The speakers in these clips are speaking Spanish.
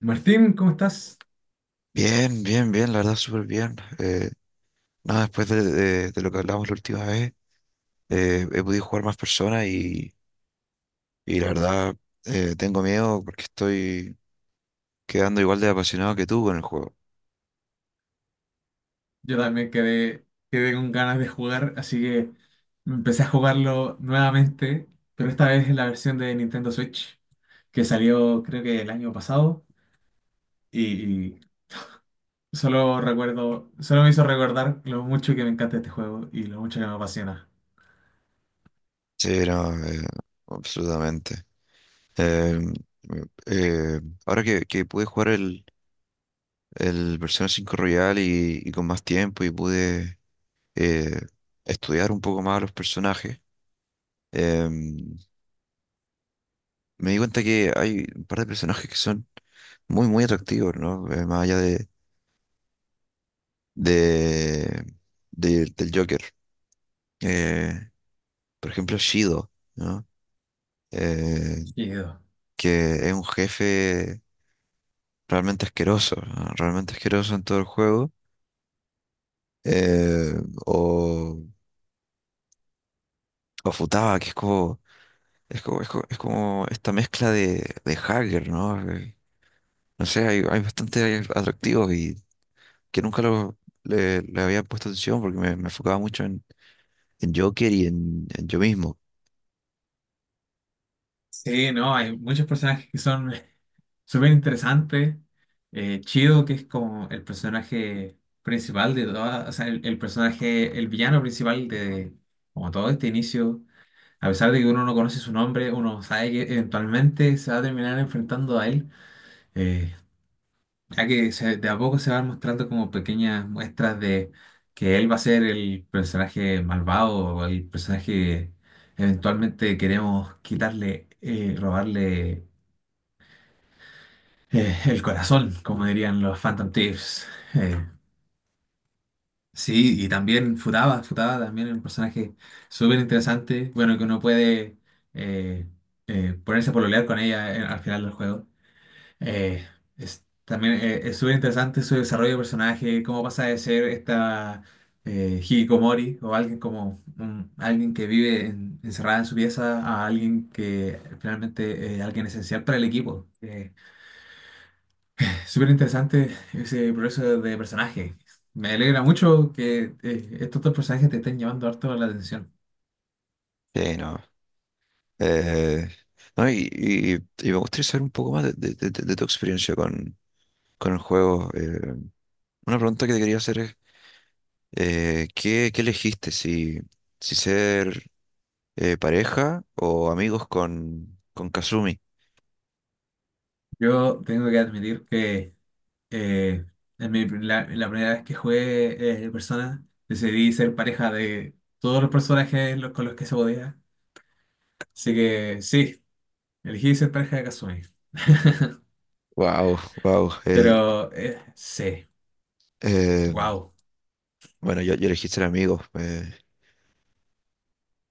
Martín, ¿cómo estás? Bien, bien, bien, la verdad, súper bien. Nada, Después de lo que hablamos la última vez, he podido jugar más personas y la verdad tengo miedo porque estoy quedando igual de apasionado que tú con el juego. Yo también quedé, quedé con ganas de jugar, así que empecé a jugarlo nuevamente, pero esta vez en la versión de Nintendo Switch, que salió creo que el año pasado, y solo recuerdo, solo me hizo recordar lo mucho que me encanta este juego y lo mucho que me apasiona. Sí, no, absolutamente. Eh, eh, Ahora que pude jugar el Persona cinco Royal y con más tiempo y pude eh, estudiar un poco más a los personajes, em, me di cuenta que hay un par de personajes que son muy, muy atractivo, ¿no? Más allá de, del Joker. Eh, por ejemplo, Shido, ¿no? Eh, Sí, que es un jefe realmente asqueroso, ¿no? Realmente asqueroso en todo el juego. Eh, o, o Futaba, que es es como esta mezcla de hacker, ¿no? No sé, hay bastante atractivos y que nunca le había puesto atención porque me enfocaba mucho en Joker y en yo mismo. sí, no, hay muchos personajes que son súper interesantes. Chido, que es como el personaje principal de todas, o sea, el personaje, el villano principal de como todo este inicio. A pesar de que uno no conoce su nombre, uno sabe que eventualmente se va a terminar enfrentando a él, eh, ya que de a poco se van mostrando como pequeñas muestras de que él va a ser el personaje malvado o el personaje que eventualmente queremos quitarle, robarle el corazón, como dirían los Phantom Thieves. Eh, sí, y también Futaba, Futaba también es un personaje súper interesante, bueno, que uno puede eh, ponerse a pololear con ella al final del juego. Eh, es, también es súper interesante su desarrollo de personaje, cómo pasa de ser esta hikikomori o alguien como alguien que vive encerrada en su pieza a alguien que finalmente es alguien esencial para el equipo. Súper interesante ese proceso de personaje. Me alegra mucho que estos dos personajes te estén llamando harto la atención. Sí, no. Eh, no, y, y- y me gustaría saber un poco más de tu experiencia con el juego. Una pregunta que te quería hacer es, ¿qué, qué elegiste? Si, si ser pareja o amigos con Kazumi. Yo tengo que admitir que eh, la primera vez que jugué Persona, decidí ser pareja de todos los personajes con los que se podía. Así que sí, elegí ser pareja de Kasumi. Wow, wow. Pero sí, wow. Bueno, yo elegí ser amigos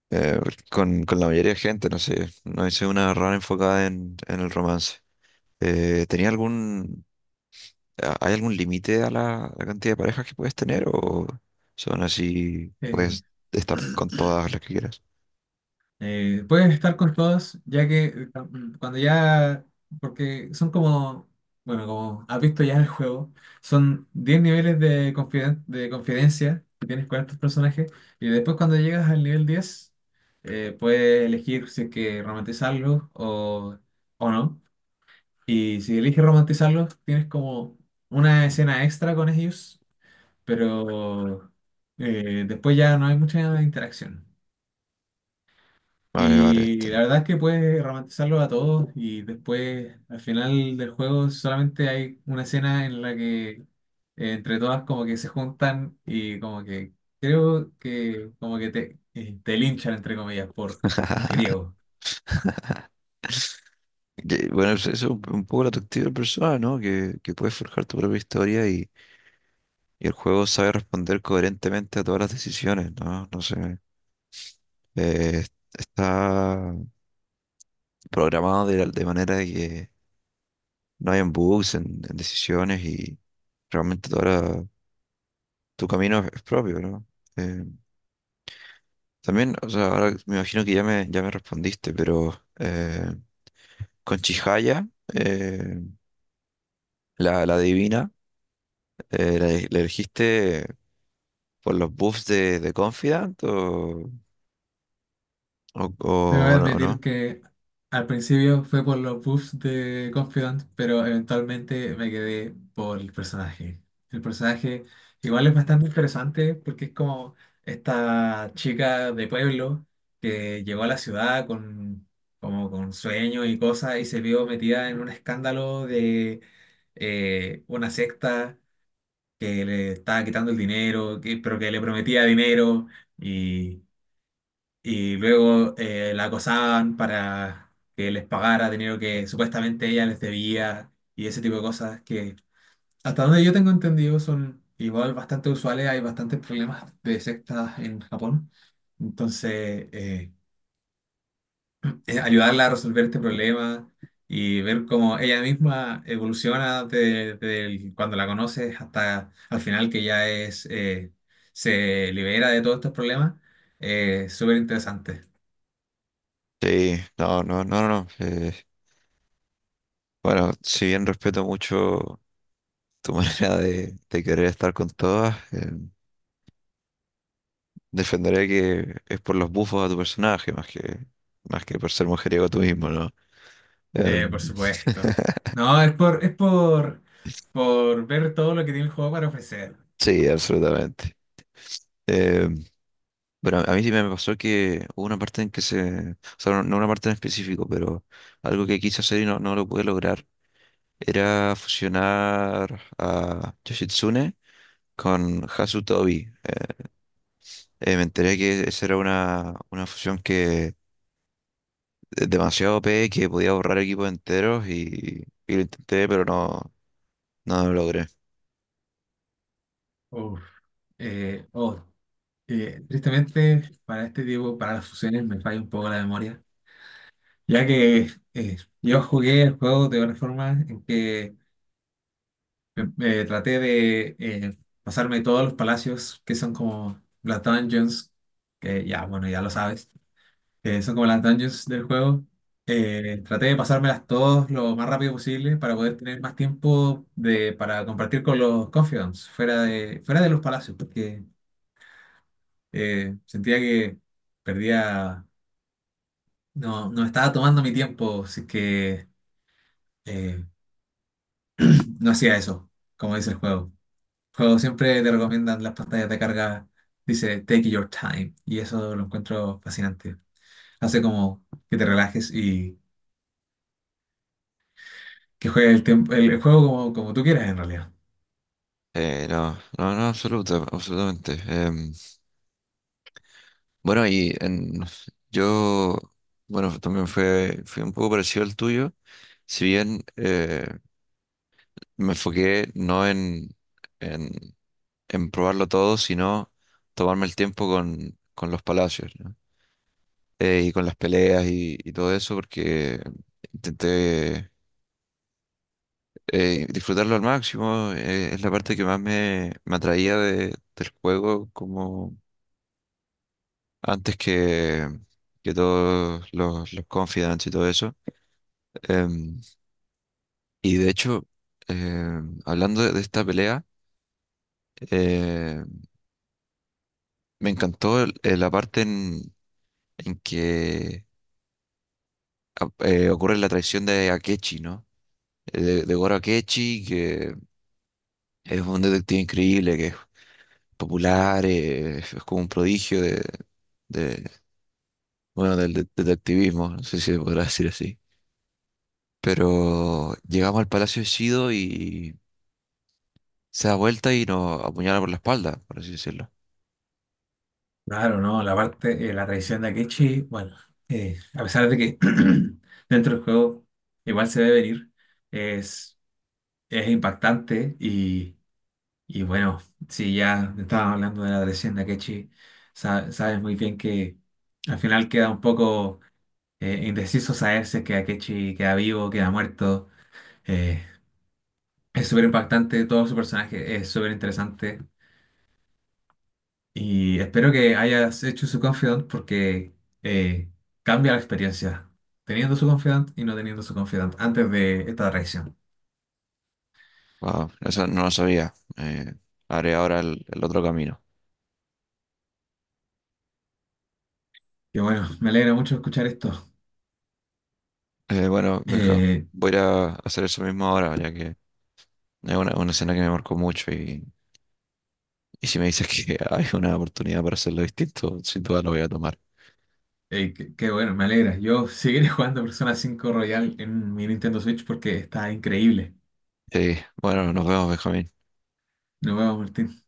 eh, con la mayoría de gente, no sé, no hice una rara enfocada en el romance. Eh, ¿tenía algún, ¿Hay algún límite a la, la cantidad de parejas que puedes tener o son así, puedes estar con todas las que quieras? Puedes estar con todos, ya que cuando ya, porque son como, bueno, como has visto ya el juego, son 10 niveles de, de confidencia que tienes con estos personajes, y después cuando llegas al nivel 10 puedes elegir si es que romantizarlos o no, y si eliges romantizarlos, tienes como una escena extra con ellos, pero después ya no hay mucha interacción. Vale, vale. Y la Entiendo. verdad es que puedes romantizarlos a todos y después al final del juego solamente hay una escena en la que entre todas como que se juntan y como que creo que como que te, te linchan entre comillas por mujeriego. Bueno, eso es un poco la atractiva de la persona, ¿no? Que puedes forjar tu propia historia y el juego sabe responder coherentemente a todas las decisiones, ¿no? No sé. eh, Está programado de manera de que no hayan bugs en decisiones y realmente toda tu camino es propio, ¿no? Eh, también, o sea, ahora me imagino que ya ya me respondiste, pero eh, con Chihaya, eh, la, la divina, ¿ la elegiste por los buffs de Confidant o, Te voy a o admitir no? que al principio fue por los buffs de Confidant, pero eventualmente me quedé por el personaje. El personaje igual es bastante interesante porque es como esta chica de pueblo que llegó a la ciudad con, como con sueños y cosas y se vio metida en un escándalo de una secta que le estaba quitando el dinero, pero que le prometía dinero y... Y luego la acosaban para que les pagara dinero que supuestamente ella les debía y ese tipo de cosas que, hasta donde yo tengo entendido, son igual bastante usuales. Hay bastantes problemas de sectas en Japón. Entonces, ayudarla a resolver este problema y ver cómo ella misma evoluciona de, cuando la conoces hasta al final que ya es, se libera de todos estos problemas, es súper interesante. Sí, no. Eh, bueno, si bien respeto mucho tu manera de querer estar con todas, defenderé que es por los buffos a tu personaje, más que por ser mujeriego tú mismo, ¿no? Por Em, supuesto. No, es por ver todo lo que tiene el juego para ofrecer. sí, absolutamente. Em, Pero a mí sí me pasó que hubo una parte en que se, o sea, no una parte en específico, pero algo que quise hacer y no, no lo pude lograr, era fusionar a Yoshitsune con Hasutobi. Me enteré que esa era una fusión que es demasiado OP, que podía borrar equipos enteros y lo intenté, pero no, no lo logré. Uf. Eh, oh, tristemente, para este tipo, para las fusiones, me falla un poco la memoria. Ya que yo jugué el juego de una forma en que me traté de pasarme todos los palacios que son como las dungeons, que ya, bueno, ya lo sabes. Que son como las dungeons del juego. Traté de pasármelas todas lo más rápido posible para poder tener más tiempo de, para compartir con los confidants fuera de los palacios, porque sentía que perdía, no, no estaba tomando mi tiempo, así que eh, no hacía eso, como dice el juego. El juego siempre te recomiendan las pantallas de carga, dice take your time, y eso lo encuentro fascinante. Hace como que te relajes y que juegue el tiempo, el juego como, como tú quieras en realidad. No, no, no, absoluta, Absolutamente. Bueno, y en, yo, bueno, también fue un poco parecido al tuyo. Si bien me enfoqué no en, en probarlo todo, sino tomarme el tiempo con los palacios, ¿no? Y con las peleas y todo eso, porque intenté disfrutarlo al máximo. Eh, es la parte que más me atraía de- del juego, como antes que todos los confidants y todo eso. Em, y de hecho, hablando de esta pelea, eh, me encantó la parte en que ocurre la traición de Akechi, ¿no? De Goro Akechi, que es un detective increíble, que es popular, es como un prodigio de- bueno, del detectivismo, no sé si se podrá decir así. Pero llegamos al Palacio de Shido y se da vuelta y nos apuñala por la espalda, por así decirlo. Claro, no, la parte, la traición de Akechi, bueno, a pesar de que dentro del juego igual se ve venir, es, es impactante y bueno, si ya estábamos hablando de la traición de Akechi, sabes muy bien que al final queda un poco indeciso saber si es que Akechi queda vivo, queda muerto. eh, es súper impactante, todo su personaje es súper interesante. Y espero que hayas hecho su confidant porque eh, cambia la experiencia teniendo su confidant y no teniendo su confidant antes de esta traición. Wow, eso no lo sabía. Haré ahora el otro camino. Y bueno, me alegra mucho escuchar esto. Bueno, Benja, Eh, voy a ir a hacer eso mismo ahora, ya que es una escena que me marcó mucho y si me dices que hay una oportunidad para hacerlo distinto, sin duda lo voy a tomar. Qué, qué bueno, me alegra. Yo seguiré jugando Persona 5 Royal en mi Nintendo Switch porque está increíble. Sí, bueno, nos vemos, Benjamín. Nos vemos, Martín.